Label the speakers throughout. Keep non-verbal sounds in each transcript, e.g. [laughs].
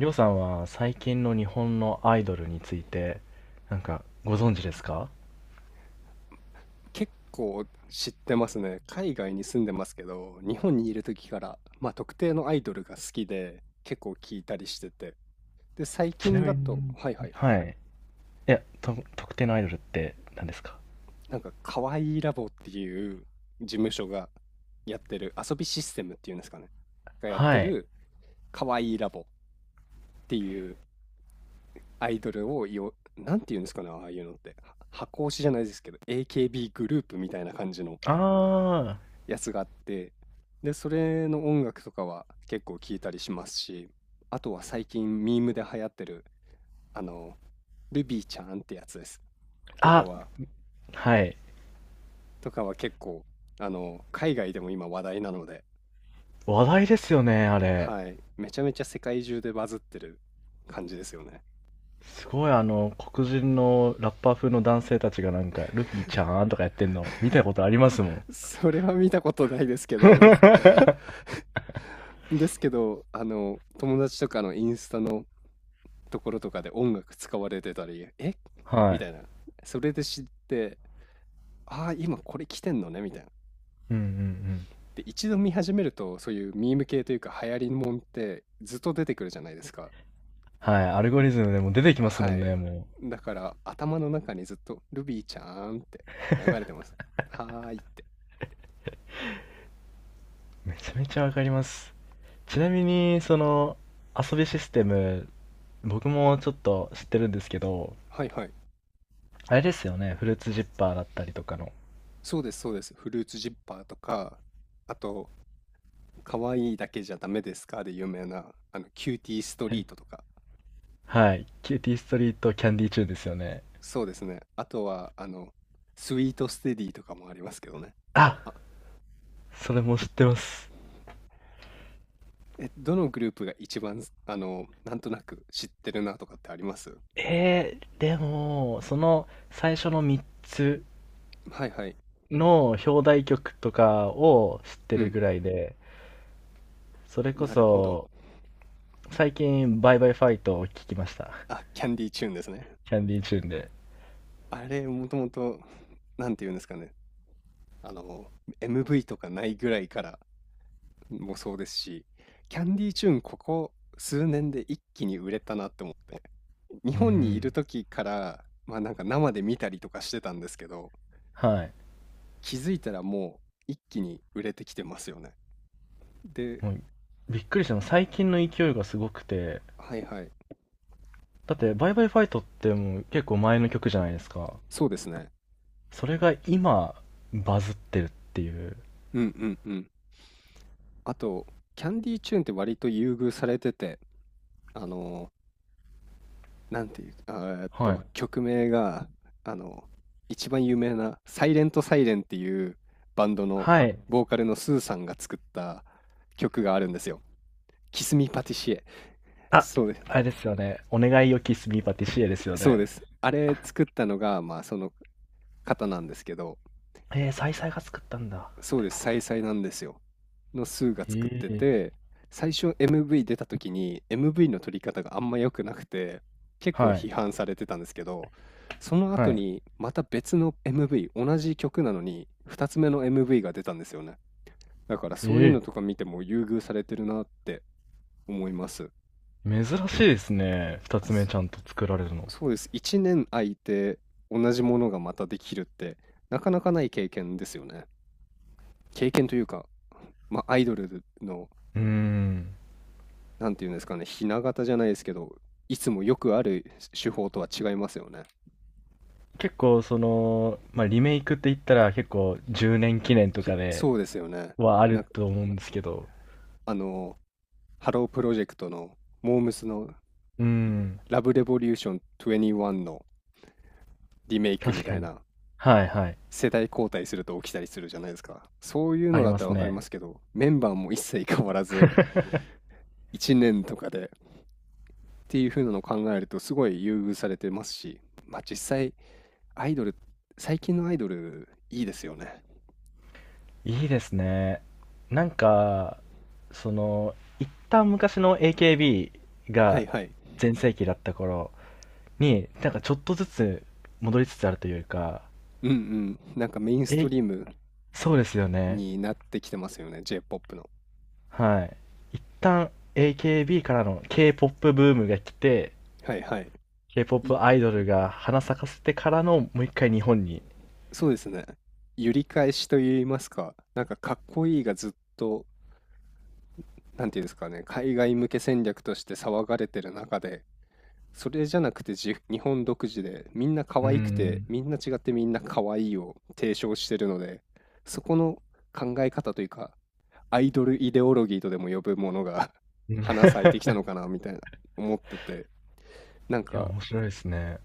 Speaker 1: りょうさんは最近の日本のアイドルについて、なんかご存知ですか？
Speaker 2: 結構知ってますね。海外に住んでますけど、日本にいる時から、まあ、特定のアイドルが好きで、結構聞いたりしてて。で、最
Speaker 1: ちな
Speaker 2: 近だ
Speaker 1: みに、
Speaker 2: と、はいはい、
Speaker 1: はい。いや、特定のアイドルって何ですか？
Speaker 2: なんか、かわいいラボっていう事務所がやってる、遊びシステムっていうんですかね、がやって
Speaker 1: はい。
Speaker 2: る、かわいいラボっていうアイドルをよ、なんていうんですかね、ああいうのって。は箱推しじゃないですけど、AKB グループみたいな感じの
Speaker 1: あー、
Speaker 2: やつがあって、で、それの音楽とかは結構聞いたりしますし、あとは最近ミームで流行ってる、あの、ルビーちゃんってやつです。とか
Speaker 1: あ、
Speaker 2: は、
Speaker 1: はい。
Speaker 2: とかは結構、海外でも今話題なので、
Speaker 1: 話題ですよね、あれ。
Speaker 2: はい、めちゃめちゃ世界中でバズってる感じですよね。
Speaker 1: すごいあの、黒人のラッパー風の男性たちがなんか、ルフィちゃんとかやってんの、見たことありますもん。
Speaker 2: [laughs] それは見たことないですけど
Speaker 1: [laughs]
Speaker 2: [laughs] ですけど、友達とかのインスタのところとかで音楽使われてたり、え
Speaker 1: は
Speaker 2: み
Speaker 1: い。
Speaker 2: たいな。それで知って、ああ、今これ来てんのね、みたいな。
Speaker 1: うんうんうん。
Speaker 2: で、一度見始めると、そういうミーム系というか、流行りもんってずっと出てくるじゃないですか。
Speaker 1: はい。アルゴリズムでも出てきますも
Speaker 2: は
Speaker 1: ん
Speaker 2: い。
Speaker 1: ね、も
Speaker 2: だから、頭の中にずっと、ルビーちゃーんって流れてます。はーいって。
Speaker 1: う。めちゃめちゃわかります。ちなみに、その、遊びシステム、僕もちょっと知ってるんですけど、
Speaker 2: はいはい。
Speaker 1: あれですよね、フルーツジッパーだったりとかの。
Speaker 2: そうです、そうです。フルーツジッパーとか、あと、可愛いだけじゃダメですかで有名な、キューティースト
Speaker 1: は
Speaker 2: リ
Speaker 1: い
Speaker 2: ートとか。
Speaker 1: はい、キューティーストリートキャンディーチューンですよね。
Speaker 2: そうですね。あとは、スイートステディとかもありますけどね。
Speaker 1: あ、それも知ってます。
Speaker 2: え、どのグループが一番、なんとなく知ってるなとかってあります。
Speaker 1: でも、その最初の3つ
Speaker 2: はいはい。
Speaker 1: の表題曲とかを知って
Speaker 2: う
Speaker 1: る
Speaker 2: ん。
Speaker 1: ぐらいで、それこ
Speaker 2: なるほど。
Speaker 1: そ、最近、バイバイファイトを聞きました。
Speaker 2: あ、キャンディーチューンですね。
Speaker 1: キャンディーチューンで。
Speaker 2: あれ、もともと、なんていうんですかね。あの、MV とかないぐらいからもそうですし、キャンディーチューン、ここ数年で一気に売れたなって思って、日
Speaker 1: う
Speaker 2: 本にいる
Speaker 1: ん。
Speaker 2: 時から、まあなんか生で見たりとかしてたんですけど、
Speaker 1: はい。
Speaker 2: 気づいたらもう一気に売れてきてますよね。で、
Speaker 1: もうびっくりしたの最近の勢いがすごくて。
Speaker 2: はいはい。
Speaker 1: だって「バイバイファイト」ってもう結構前の曲じゃないですか。
Speaker 2: そうですね。
Speaker 1: それが今バズってるっていう。
Speaker 2: うんうんうん。あと、キャンディーチューンって割と優遇されてて、あの、なんていう、
Speaker 1: はい
Speaker 2: 曲名が、あの、一番有名な、サイレントサイレンっていうバンドの
Speaker 1: はい。
Speaker 2: ボーカルのスーさんが作った曲があるんですよ。キスミパティシエ。
Speaker 1: あ、
Speaker 2: そうです。
Speaker 1: あれですよね。「お願いよキスミーパティシエ」ですよ
Speaker 2: そう
Speaker 1: ね。
Speaker 2: です。あれ作ったのが、まあ、その方なんですけど、
Speaker 1: サイサイが作ったんだ。
Speaker 2: そうです、サイサイなんですよ。のスーが作っ
Speaker 1: へ
Speaker 2: て
Speaker 1: え。
Speaker 2: て、最初 MV 出た時に MV の撮り方があんま良くなくて、結構
Speaker 1: はい
Speaker 2: 批判されてたんですけど、その
Speaker 1: は
Speaker 2: 後
Speaker 1: い。
Speaker 2: にまた別の MV、同じ曲なのに2つ目の MV が出たんですよね。だからそういう
Speaker 1: え
Speaker 2: の
Speaker 1: え。
Speaker 2: とか見ても優遇されてるなって思います。
Speaker 1: 珍しいですね、2
Speaker 2: あ、
Speaker 1: つ目
Speaker 2: そ
Speaker 1: ちゃんと作られるの。
Speaker 2: そうです。1年空いて同じものがまたできるってなかなかない経験ですよね。経験というか、まあ、アイドルの
Speaker 1: うーん。
Speaker 2: なんていうんですかね、ひな形じゃないですけど、いつもよくある手法とは違いますよね。
Speaker 1: 結構その、まあ、リメイクって言ったら結構10年記念と
Speaker 2: き
Speaker 1: かで
Speaker 2: そうですよね。
Speaker 1: はあ
Speaker 2: な
Speaker 1: る
Speaker 2: んか、
Speaker 1: と思うんですけど。
Speaker 2: あの、ハロープロジェクトの、モームスの
Speaker 1: うーん、
Speaker 2: ラブレボリューション21のリメイクみ
Speaker 1: 確
Speaker 2: た
Speaker 1: か
Speaker 2: い
Speaker 1: に。
Speaker 2: な、
Speaker 1: はいはい。
Speaker 2: 世代交代すると起きたりするじゃないですか。そういう
Speaker 1: あ
Speaker 2: の
Speaker 1: り
Speaker 2: だっ
Speaker 1: ま
Speaker 2: たら
Speaker 1: す
Speaker 2: わかりま
Speaker 1: ね。
Speaker 2: すけど、メンバーも一切変わらず、
Speaker 1: [laughs]
Speaker 2: 1年とかでっていう風なのを考えると、すごい優遇されてますし、まあ実際、アイドル、最近のアイドル、いいですよね。
Speaker 1: いいですね。なんか、その、一旦昔の AKB
Speaker 2: はい
Speaker 1: が
Speaker 2: はい。
Speaker 1: 全盛期だった頃に、なんかちょっとずつ戻りつつあるというか、
Speaker 2: うんうん。なんかメインスト
Speaker 1: え、
Speaker 2: リーム
Speaker 1: そうですよね。
Speaker 2: になってきてますよね、J-POP の。
Speaker 1: はい。一旦 AKB からの K-POP ブームが来て、
Speaker 2: はいはい。い、
Speaker 1: K-POP アイドルが花咲かせてからのもう一回日本に。
Speaker 2: そうですね。揺り返しと言いますか、なんかかっこいいがずっと、なんていうんですかね、海外向け戦略として騒がれてる中で、それじゃなくてじ日本独自で、みんな可
Speaker 1: うー
Speaker 2: 愛くて、
Speaker 1: ん。
Speaker 2: みんな違ってみんな可愛いを提唱してるので、そこの考え方というか、アイドルイデオロギーとでも呼ぶものが
Speaker 1: う
Speaker 2: [laughs]
Speaker 1: ん。 [laughs]
Speaker 2: 花咲いてきたのかなみたいな思ってて、なん
Speaker 1: いや、
Speaker 2: か
Speaker 1: 面白いですね。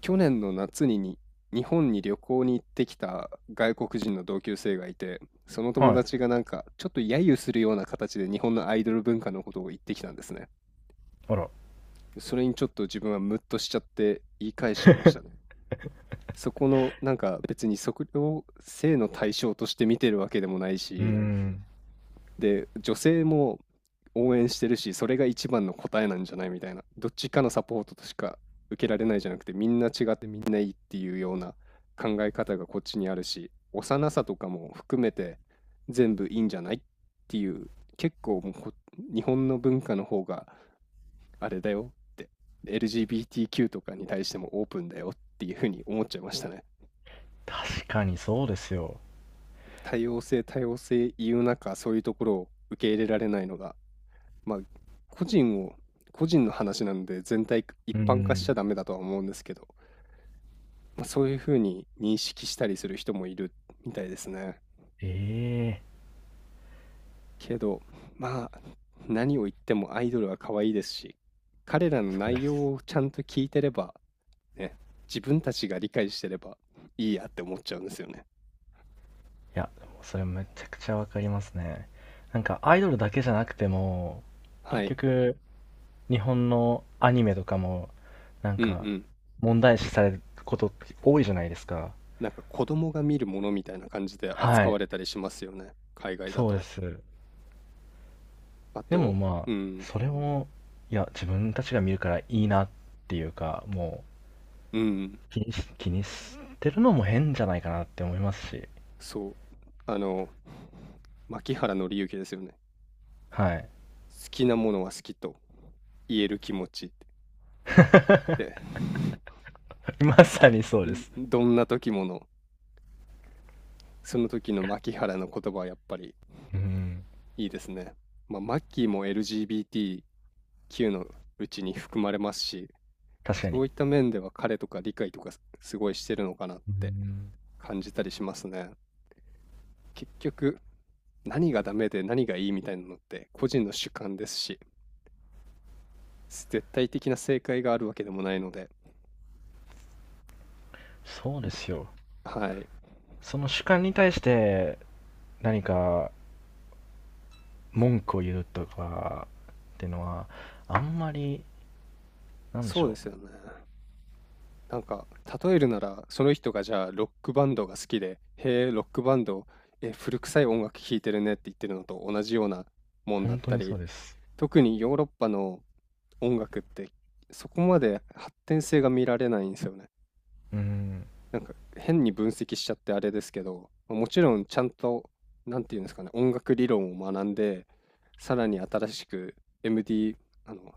Speaker 2: 去年の夏にに日本に旅行に行ってきた外国人の同級生がいて、その友
Speaker 1: はい。
Speaker 2: 達がなんかちょっと揶揄するような形で日本のアイドル文化のことを言ってきたんですね。
Speaker 1: あら。
Speaker 2: それにちょっと自分はムッとしちゃって言い返しちゃいましたね。
Speaker 1: [laughs]
Speaker 2: そこのなんか別に測量性の対象として見てるわけでもない
Speaker 1: うー
Speaker 2: し、
Speaker 1: ん。
Speaker 2: で、女性も応援してるし、それが一番の答えなんじゃないみたいな。どっちかのサポートとしか受けられないじゃなくて、みんな違ってみんないいっていうような考え方がこっちにあるし、幼さとかも含めて全部いいんじゃないっていう、結構もうこ日本の文化の方があれだよって、LGBTQ とかに対してもオープンだよっていうふうに思っちゃいましたね。
Speaker 1: 確かにそうですよ。
Speaker 2: 多様性、多様性言う中、そういうところを受け入れられないのがまあ、個人を、個人の話なので全体一
Speaker 1: うー
Speaker 2: 般化しち
Speaker 1: ん。
Speaker 2: ゃダメだとは思うんですけど、まあ、そういうふうに認識したりする人もいるみたいですね。
Speaker 1: ええ、
Speaker 2: けど、まあ、何を言ってもアイドルは可愛いですし、彼らの
Speaker 1: そう
Speaker 2: 内
Speaker 1: で
Speaker 2: 容
Speaker 1: す。
Speaker 2: をちゃんと聞いてれば、ね、自分たちが理解してればいいやって思っちゃうんですよね。
Speaker 1: いや、でもそれめちゃくちゃわかりますね。なんかアイドルだけじゃなくても、結
Speaker 2: はい。
Speaker 1: 局、日本のアニメとかも、なん
Speaker 2: うんう
Speaker 1: か、
Speaker 2: ん。
Speaker 1: 問題視されることって多いじゃないですか。
Speaker 2: なんか子供が見るものみたいな感じで
Speaker 1: は
Speaker 2: 扱わ
Speaker 1: い。
Speaker 2: れたりしますよね。海外だ
Speaker 1: そうで
Speaker 2: と。
Speaker 1: す。
Speaker 2: あ
Speaker 1: でも
Speaker 2: と、
Speaker 1: まあ、
Speaker 2: うん、
Speaker 1: それも、いや、自分たちが見るからいいなっていうか、も
Speaker 2: うん。
Speaker 1: う、気にしてるのも変じゃないかなって思いますし。
Speaker 2: そう、あの、牧原敬之ですよね。
Speaker 1: はい。
Speaker 2: 好きなものは好きと言える気持ちって。で、
Speaker 1: [laughs] まさにそうです。
Speaker 2: んどんな時もの、その時の牧原の言葉はやっぱり
Speaker 1: うん。
Speaker 2: いいですね。まあ、マッキーも LGBTQ のうちに含まれますし、
Speaker 1: 確か
Speaker 2: そ
Speaker 1: に。
Speaker 2: ういった面では彼とか理解とかすすごいしてるのかなっ
Speaker 1: う
Speaker 2: て
Speaker 1: ん。
Speaker 2: 感じたりしますね。結局、何がダメで何がいいみたいなのって個人の主観ですし、絶対的な正解があるわけでもないので、
Speaker 1: そうですよ。
Speaker 2: はい。
Speaker 1: その主観に対して何か文句を言うとかっていうのは、あんまり、なんでし
Speaker 2: そうで
Speaker 1: ょ
Speaker 2: すよね。なんか、例えるなら、その人がじゃあ、ロックバンドが好きで、へえ、ロックバンド、え、古臭い音楽聴いてるねって言ってるのと同じようなも
Speaker 1: う。
Speaker 2: んだっ
Speaker 1: 本当
Speaker 2: た
Speaker 1: にそ
Speaker 2: り、
Speaker 1: うです。
Speaker 2: 特にヨーロッパの音楽って、そこまで発展性が見られないんですよね。
Speaker 1: うん。
Speaker 2: なんか、変に分析しちゃってあれですけど、まあもちろんちゃんと、なんていうんですかね、音楽理論を学んで、さらに新しく MD、あの、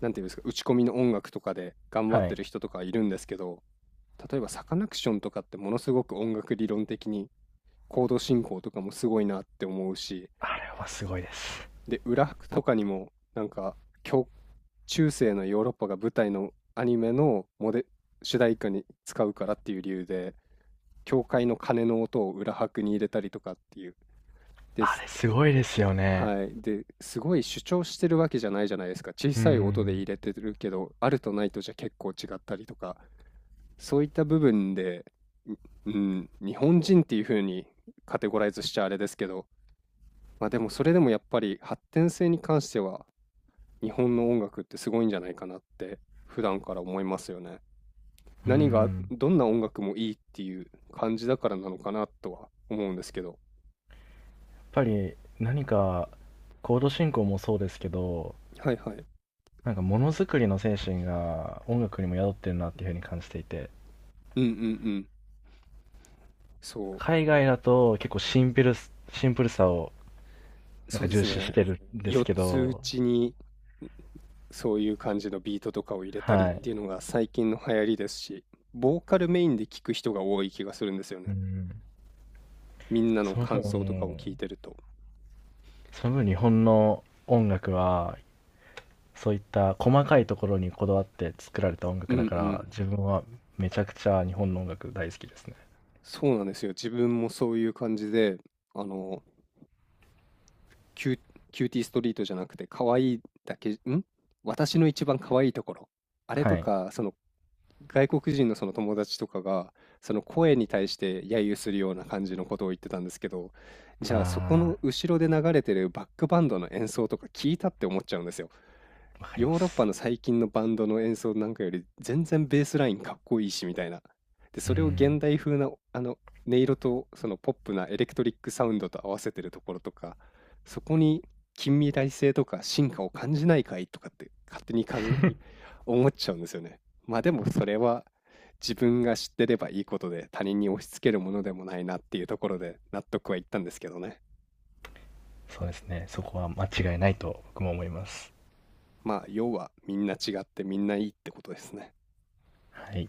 Speaker 2: なんていうんですか、打ち込みの音楽とかで頑張っ
Speaker 1: は
Speaker 2: て
Speaker 1: い。
Speaker 2: る人とかいるんですけど、例えばサカナクションとかってものすごく音楽理論的にコード進行とかもすごいなって思うし、
Speaker 1: あれはすごいです。
Speaker 2: で、裏拍とかにもなんか、教中世のヨーロッパが舞台のアニメのモデ、主題歌に使うからっていう理由で、教会の鐘の音を裏拍に入れたりとかっていう。で
Speaker 1: あ
Speaker 2: す。
Speaker 1: れすごいですよね。
Speaker 2: はい。で、すごい主張してるわけじゃないじゃないですか。小
Speaker 1: う
Speaker 2: さい音で
Speaker 1: ん。
Speaker 2: 入れてるけど、あるとないとじゃ結構違ったりとかそういった部分で、ううん、日本人っていう風にカテゴライズしちゃあれですけど、まあでもそれでもやっぱり発展性に関しては日本の音楽ってすごいんじゃないかなって普段から思いますよね。
Speaker 1: う
Speaker 2: 何が、
Speaker 1: ん。
Speaker 2: どんな音楽もいいっていう感じだからなのかなとは思うんですけど。
Speaker 1: やっぱり何か、コード進行もそうですけど、
Speaker 2: はいはい。
Speaker 1: なんかものづくりの精神が音楽にも宿ってるなっていうふうに感じていて、
Speaker 2: うんうんうん。そ
Speaker 1: 海外だと結構シンプルさを
Speaker 2: う。
Speaker 1: なん
Speaker 2: そう
Speaker 1: か
Speaker 2: で
Speaker 1: 重
Speaker 2: す
Speaker 1: 視し
Speaker 2: ね。
Speaker 1: てるんです
Speaker 2: 4
Speaker 1: け
Speaker 2: つう
Speaker 1: ど、
Speaker 2: ちにそういう感じのビートとかを入れた
Speaker 1: は
Speaker 2: りっ
Speaker 1: い。
Speaker 2: ていうのが最近の流行りですし、ボーカルメインで聞く人が多い気がするんですよ
Speaker 1: う
Speaker 2: ね。
Speaker 1: ん。
Speaker 2: みんなの
Speaker 1: その
Speaker 2: 感
Speaker 1: 分
Speaker 2: 想とかを
Speaker 1: ね、
Speaker 2: 聞いてると。
Speaker 1: その分日本の音楽は、そういった細かいところにこだわって作られた音
Speaker 2: うん
Speaker 1: 楽
Speaker 2: う
Speaker 1: だから、
Speaker 2: ん。
Speaker 1: 自分はめちゃくちゃ日本の音楽大好きですね。
Speaker 2: そうなんですよ。自分もそういう感じで、あの、キュ、キューティーストリートじゃなくて、可愛いだけ、ん私の一番可愛いところ。あれと
Speaker 1: はい。
Speaker 2: か、その外国人のその友達とかがその声に対して揶揄するような感じのことを言ってたんですけどじゃあそこ
Speaker 1: あ
Speaker 2: の後ろで流れてるバックバンドの演奏とか聞いたって思っちゃうんですよ。
Speaker 1: あ、わかりま
Speaker 2: ヨーロッパ
Speaker 1: す。
Speaker 2: の最近のバンドの演奏なんかより全然ベースラインかっこいいしみたいな。で、
Speaker 1: う
Speaker 2: それを
Speaker 1: ん。
Speaker 2: 現代風な音色とそのポップなエレクトリックサウンドと合わせてるところとかそこに近未来性とか進化を感じないかいとかって勝手に思っちゃうんですよね。まあでもそれは自分が知ってればいいことで他人に押し付けるものでもないなっていうところで納得はいったんですけどね。
Speaker 1: そうですね。そこは間違いないと僕も思います。
Speaker 2: まあ要はみんな違ってみんないいってことですね。
Speaker 1: はい。